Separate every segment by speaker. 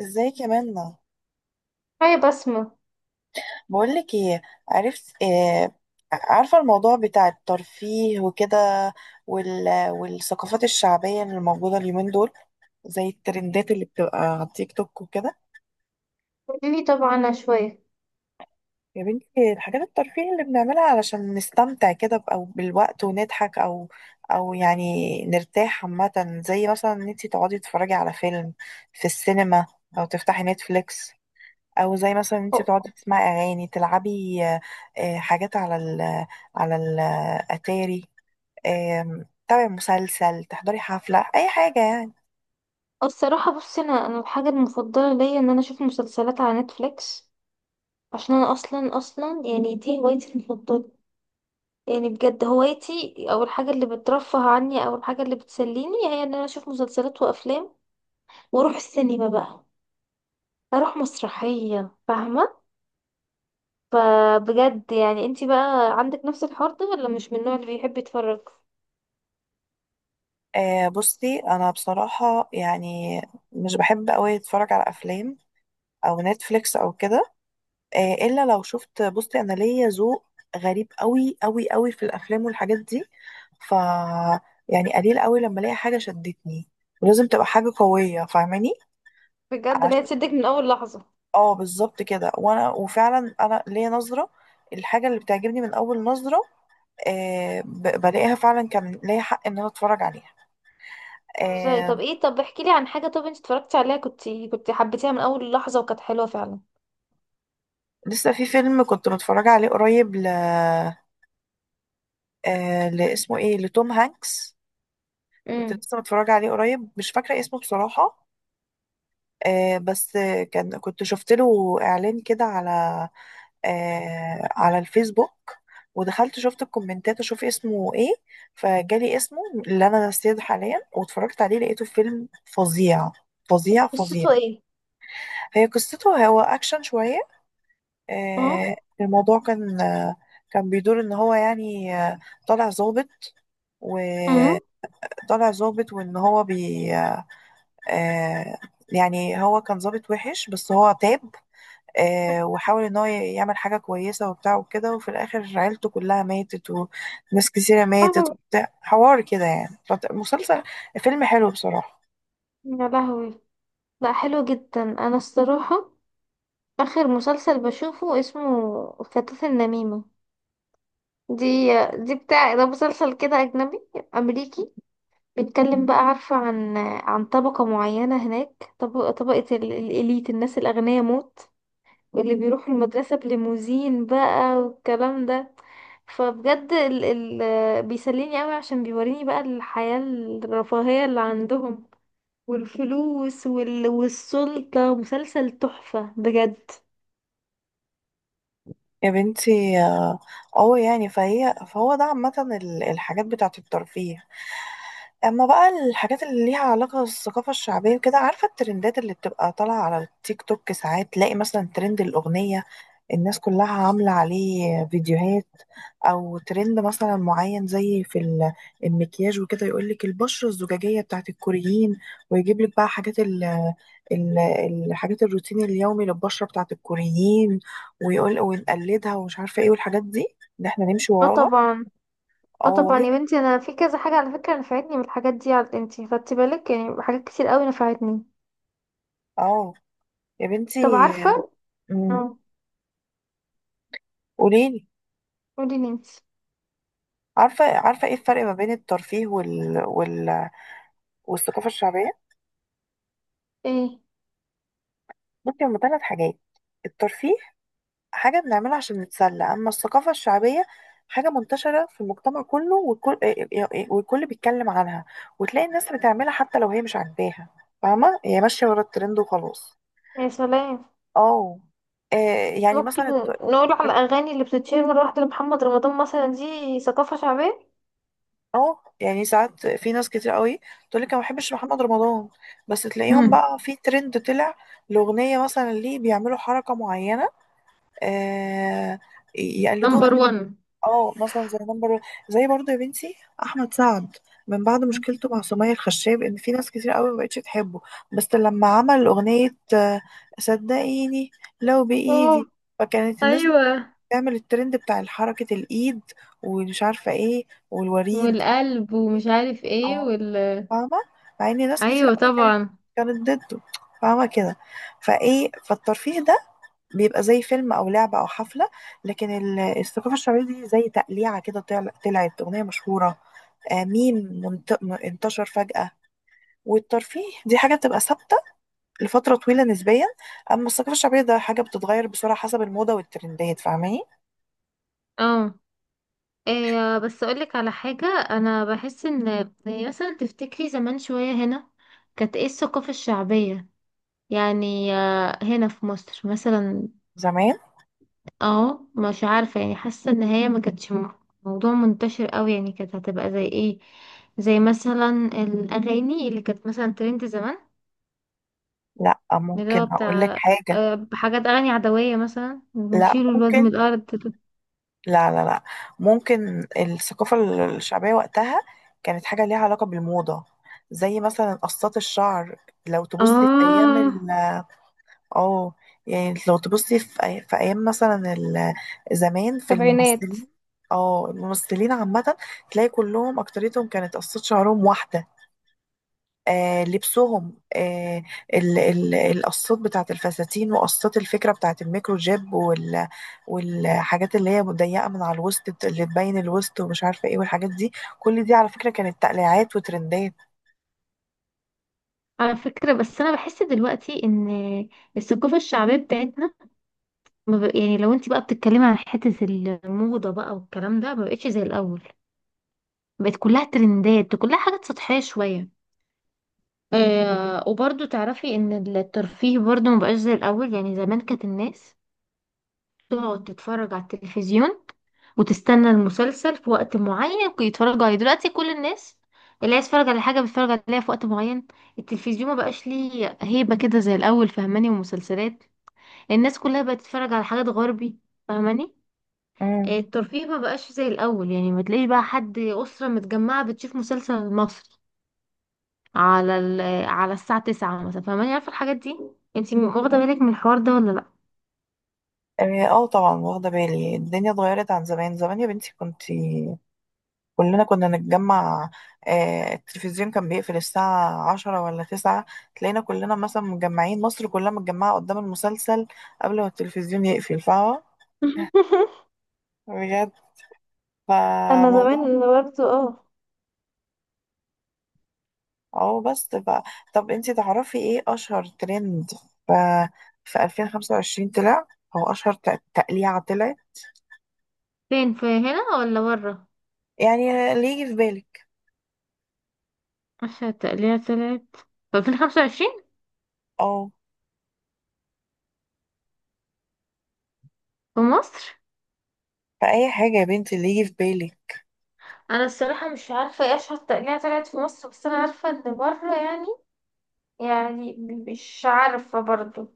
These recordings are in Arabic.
Speaker 1: ازيك يا منى؟
Speaker 2: هاي بسمة.
Speaker 1: بقولك ايه، عرفت إيه؟ عارفة الموضوع بتاع الترفيه وكده، والثقافات الشعبية اللي موجودة اليومين دول، زي الترندات اللي بتبقى على التيك توك وكده.
Speaker 2: قوليلي طبعا عنها شوية.
Speaker 1: يا بنتي الحاجات الترفيه اللي بنعملها علشان نستمتع كده او بالوقت ونضحك او يعني نرتاح عامة، زي مثلا ان انتي تقعدي تتفرجي على فيلم في السينما، او تفتحي نتفليكس، او زي مثلا انت
Speaker 2: أو-
Speaker 1: بتقعدي تسمعي اغاني تلعبي، حاجات على على الاتاري، تابعي مسلسل، تحضري حفلة، اي حاجة يعني.
Speaker 2: الصراحة بصي، أنا الحاجة المفضلة ليا إن أنا أشوف مسلسلات على نتفليكس، عشان أنا أصلا يعني دي هوايتي المفضلة. يعني بجد هوايتي أو الحاجة اللي بترفه عني أو الحاجة اللي بتسليني هي إن أنا أشوف مسلسلات وأفلام وأروح السينما بقى، أروح مسرحية، فاهمة؟ فبجد يعني انتي بقى عندك نفس الحوار ده ولا مش من النوع اللي بيحب يتفرج؟
Speaker 1: بصي انا بصراحة يعني مش بحب قوي اتفرج على افلام او نتفليكس او كده، الا لو شفت. بصي انا ليا ذوق غريب قوي قوي قوي في الافلام والحاجات دي، ف يعني قليل قوي لما الاقي حاجة شدتني، ولازم تبقى حاجة قوية فاهماني.
Speaker 2: بجد اللي هي تشدك من أول لحظة.
Speaker 1: اه بالظبط كده، وانا وفعلا انا ليا نظره، الحاجه اللي بتعجبني من اول نظره، آه بلاقيها فعلا كان ليا حق ان انا اتفرج عليها.
Speaker 2: هزاري،
Speaker 1: آه.
Speaker 2: طب ايه، طب احكي لي عن حاجة، طب انت اتفرجتي عليها كنت حبيتيها من اول لحظة وكانت حلوة فعلا.
Speaker 1: لسه في فيلم كنت متفرجه عليه قريب، ل آه لاسمه ايه، لتوم هانكس. كنت
Speaker 2: امم.
Speaker 1: لسه متفرجه عليه قريب، مش فاكره اسمه بصراحه، آه بس كان كنت شفت له اعلان كده على، آه، على الفيسبوك، ودخلت شفت الكومنتات اشوف اسمه ايه، فجالي اسمه اللي انا نسيته حاليا، واتفرجت عليه لقيته فيلم فظيع، فظيع.
Speaker 2: قصته ايه؟
Speaker 1: هي قصته، هو اكشن شوية،
Speaker 2: اه.
Speaker 1: آه. الموضوع كان، آه، كان بيدور ان هو يعني، آه، طالع ظابط
Speaker 2: امم.
Speaker 1: وطالع ظابط، وان هو بي، آه، يعني هو كان ظابط وحش بس هو تاب،
Speaker 2: يا
Speaker 1: وحاول ان هو يعمل حاجة كويسة وبتاع وكده، وفي الاخر عيلته كلها ماتت وناس كثيرة ماتت
Speaker 2: لهوي.
Speaker 1: وبتاع حوار كده يعني، مسلسل، فيلم حلو بصراحة.
Speaker 2: يا لهوي. لا حلو جدا، انا الصراحة اخر مسلسل بشوفه اسمه فتاة النميمة. دي دي بتاع ده مسلسل كده اجنبي، امريكي، بيتكلم بقى، عارفة، عن عن طبقة معينة هناك، طبقة طبقة ال- الاليت، الناس الاغنياء موت، واللي بيروح المدرسة بليموزين بقى والكلام ده. فبجد ال بيسليني قوي عشان بيوريني بقى الحياة الرفاهية اللي عندهم، والفلوس وال والسلطة مسلسل تحفة بجد.
Speaker 1: يا بنتي اه، يعني فهو ده عامة الحاجات بتاعة الترفيه. اما بقى الحاجات اللي ليها علاقة بالثقافة الشعبية وكده، عارفة الترندات اللي بتبقى طالعة على التيك توك، ساعات تلاقي مثلا ترند الأغنية، الناس كلها عاملة عليه فيديوهات، او ترند مثلا معين زي في المكياج وكده، يقول لك البشرة الزجاجية بتاعة الكوريين، ويجيب لك بقى حاجات ال- الحاجات الروتين اليومي للبشرة بتاعة الكوريين، ويقول ونقلدها ومش عارفه ايه والحاجات دي، ان احنا نمشي
Speaker 2: اه
Speaker 1: وراها.
Speaker 2: طبعا. اه
Speaker 1: اه
Speaker 2: طبعا
Speaker 1: وهي،
Speaker 2: يا بنتي، انا في كذا حاجه على فكره نفعتني من الحاجات دي. على، انتي خدتي بالك، يعني حاجات كتير قوي نفعتني.
Speaker 1: اه يا بنتي.
Speaker 2: طب، عارفه؟
Speaker 1: مم.
Speaker 2: اه.
Speaker 1: قوليلي.
Speaker 2: قولي لي انتي
Speaker 1: عارفه، ايه الفرق ما بين الترفيه والثقافه الشعبيه؟
Speaker 2: ايه.
Speaker 1: ممكن هما ثلاث حاجات. الترفيه حاجه بنعملها عشان نتسلى، اما الثقافه الشعبيه حاجه منتشره في المجتمع كله، والكل بيتكلم عنها، وتلاقي الناس بتعملها حتى لو هي مش عاجباها، فاهمه، هي ماشيه ورا الترند وخلاص.
Speaker 2: يا سلام.
Speaker 1: اه، آه، يعني
Speaker 2: ممكن
Speaker 1: مثلا
Speaker 2: نقول على الاغاني اللي بتتشير مره واحده لمحمد رمضان مثلا، دي ثقافه شعبيه.
Speaker 1: اه، يعني ساعات في ناس كتير قوي تقول لك انا ما بحبش محمد رمضان، بس تلاقيهم بقى في ترند طلع الاغنيه، مثلا ليه بيعملوا حركه معينه، آه، يقلدوها. اه مثلا زي نمبر، زي برضه يا بنتي احمد سعد، من بعد مشكلته مع سمية الخشاب ان في ناس كتير قوي ما بقتش تحبه، بس لما عمل اغنيه، صدقيني، لو
Speaker 2: اه.
Speaker 1: بايدي، فكانت الناس
Speaker 2: ايوه،
Speaker 1: بتعمل الترند بتاع حركه الايد ومش عارفه ايه والوريد.
Speaker 2: والقلب ومش عارف ايه
Speaker 1: اه
Speaker 2: وال
Speaker 1: فاهمة، مع ان ناس كتير
Speaker 2: ايوه
Speaker 1: قوي كانت
Speaker 2: طبعا.
Speaker 1: كانت ضده، فاهمة كده. فايه فالترفيه ده بيبقى زي فيلم او لعبة او حفلة، لكن الثقافة الشعبية دي زي تقليعة كده، طلعت اغنية مشهورة، ميم، انتشر فجأة. والترفيه دي حاجة بتبقى ثابتة لفترة طويلة نسبيا، اما الثقافة الشعبية ده حاجة بتتغير بسرعة حسب الموضة والترندات فاهماني.
Speaker 2: اه. إيه بس اقولك على حاجه، انا بحس ان، يعني مثلا تفتكري زمان شويه هنا كانت ايه الثقافه الشعبيه؟ يعني هنا في مصر مثلا.
Speaker 1: زمان،
Speaker 2: اه، مش عارفه، يعني حاسه ان هي ما كانتش موضوع منتشر قوي. يعني كانت هتبقى زي ايه؟ زي مثلا الاغاني اللي كانت مثلا ترند زمان،
Speaker 1: لا
Speaker 2: اللي
Speaker 1: ممكن
Speaker 2: هو
Speaker 1: اقول لك
Speaker 2: بتاع،
Speaker 1: حاجة،
Speaker 2: حاجات أغاني عدوية مثلا،
Speaker 1: لا
Speaker 2: نشيله الواد من
Speaker 1: ممكن،
Speaker 2: الأرض ده.
Speaker 1: لا لا لا ممكن الثقافة الشعبية وقتها كانت حاجة ليها علاقة بالموضة، زي مثلا قصات الشعر. لو تبصي في أيام
Speaker 2: آه.
Speaker 1: ال، اه، يعني لو تبصي في أيام مثلا زمان في
Speaker 2: سبعينات.
Speaker 1: الممثلين، اه الممثلين عامة، تلاقي كلهم أكتريتهم كانت قصات شعرهم واحدة، لبسهم، القصات بتاعت الفساتين وقصات الفكرة بتاعت الميكرو جيب والحاجات اللي هي مضيقة من على الوسط، اللي تبين الوسط ومش عارفة ايه والحاجات دي، كل دي على فكرة كانت تقليعات وترندات.
Speaker 2: على فكرة بس أنا بحس دلوقتي إن الثقافة الشعبية بتاعتنا ما بق- يعني لو انت بقى بتتكلمي عن حتة الموضة بقى والكلام ده، ما بقتش زي الأول، بقت كلها ترندات، كلها حاجات سطحية شوية. آه، وبرضو تعرفي إن الترفيه برضو ما بقاش زي الأول. يعني زمان كانت الناس تقعد تتفرج على التلفزيون وتستنى المسلسل في وقت معين يتفرجوا عليه. دلوقتي كل الناس، اللي عايز يتفرج على حاجة بيتفرج عليها في وقت معين. التلفزيون ما بقاش ليه هيبة كده زي الأول، فهماني؟ ومسلسلات، الناس كلها بقت تتفرج على حاجات غربي، فهماني؟
Speaker 1: امم،
Speaker 2: الترفيه ما بقاش زي الأول. يعني ما تلاقيش بقى حد، أسرة متجمعة بتشوف مسلسل مصري على على الساعة تسعة مثلا، فهماني؟ عارفة الحاجات دي؟ انتي واخدة
Speaker 1: اه،
Speaker 2: بالك من الحوار ده ولا لأ؟
Speaker 1: طبعا واخدة بالي، الدنيا اتغيرت عن زمان. زمان يا بنتي كنتي كلنا كنا نتجمع، التلفزيون كان بيقفل الساعة عشرة ولا تسعة، تلاقينا كلنا مثلا مجمعين، مصر كلها متجمعة قدام المسلسل قبل ما التلفزيون يقفل، فاهمة، بجد.
Speaker 2: انا
Speaker 1: فموضوع،
Speaker 2: زمان برضو، اه.
Speaker 1: اه بس طب انتي تعرفي ايه اشهر ترند ف... في 2025 طلع، او اشهر تقليعة طلعت،
Speaker 2: فين، في هنا ولا بره؟
Speaker 1: يعني اللي يجي في بالك.
Speaker 2: أشهر تقليع طلعت في 2025
Speaker 1: اه،
Speaker 2: في مصر؟
Speaker 1: فأي حاجة يا بنتي اللي يجي في بالك.
Speaker 2: أنا الصراحة مش عارفة إيه أشهر تقليع طلعت في مصر. بس أنا عارفة إن بره، يعني، يعني مش عارفة برضو.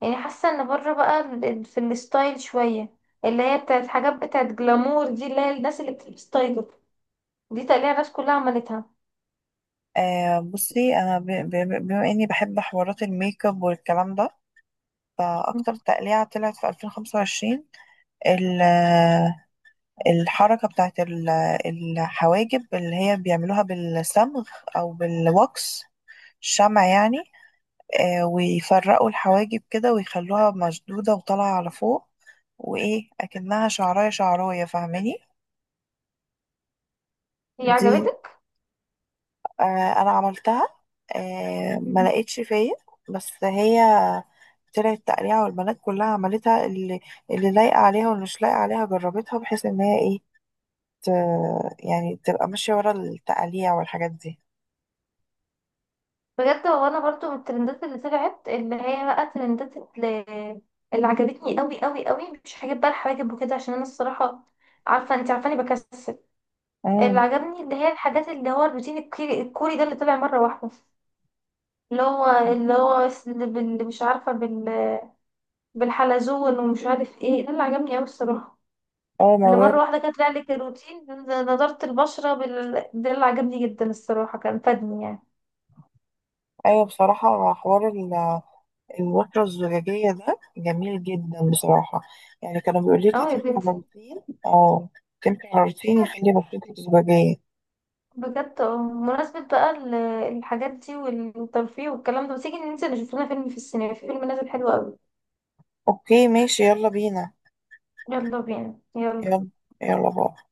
Speaker 2: يعني حاسة إن بره بقى ال- في الستايل شوية، اللي هي بتاعت حاجات بتاعت جلامور دي، اللي هي الناس اللي بتلبس تايجر، دي تقليع الناس كلها عملتها.
Speaker 1: بصي انا بما اني بحب حوارات الميك اب والكلام ده، فأكتر تقليعة طلعت في 2025 ال- الحركة بتاعت الحواجب اللي هي بيعملوها بالصمغ أو بالوكس، شمع يعني، ويفرقوا الحواجب كده ويخلوها مشدودة وطالعة على فوق، وإيه أكنها شعراية فاهماني.
Speaker 2: هي
Speaker 1: دي،
Speaker 2: عجبتك؟
Speaker 1: آه، انا عملتها، ما لقيتش فيا، بس هي طلعت تقريعة والبنات كلها عملتها، اللي اللي لايقة عليها واللي مش لايقة عليها جربتها، بحيث ان هي ايه، ت... يعني تبقى ماشية ورا التقاليع والحاجات دي.
Speaker 2: بجد هو انا برضو من الترندات اللي طلعت، اللي هي بقى ترندات، اللي عجبتني قوي قوي قوي، مش حاجات بقى الحواجب وكده، عشان انا الصراحه، عارفه انت عارفاني بكسل. اللي
Speaker 1: امم،
Speaker 2: عجبني، اللي هي الحاجات، اللي هو الروتين الكوري الكوري ده اللي طلع مره واحده، اللي هو، مش عارفه بال، بالحلزون ومش عارف ايه، ده اللي عجبني قوي الصراحه،
Speaker 1: اه
Speaker 2: اللي
Speaker 1: موضوع.
Speaker 2: مره واحده كانت طلع لك الروتين نضاره البشره ده اللي عجبني جدا الصراحه، كان فادني يعني.
Speaker 1: ايوه بصراحة حوار الوترة الزجاجية ده جميل جدا بصراحة، يعني كانوا بيقولوا لي
Speaker 2: اه يا
Speaker 1: هتمشي على
Speaker 2: بنتي
Speaker 1: روتين، اه تمشي على روتين يخلي بشرتك زجاجية.
Speaker 2: بجد. اه، بمناسبة بقى الحاجات دي والترفيه والكلام ده، ما تيجي ننزل نشوف لنا فيلم في السينما، في فيلم نازل حلو قوي.
Speaker 1: اوكي ماشي، يلا بينا،
Speaker 2: يلا بينا، يلا.
Speaker 1: يلا. يلا باي.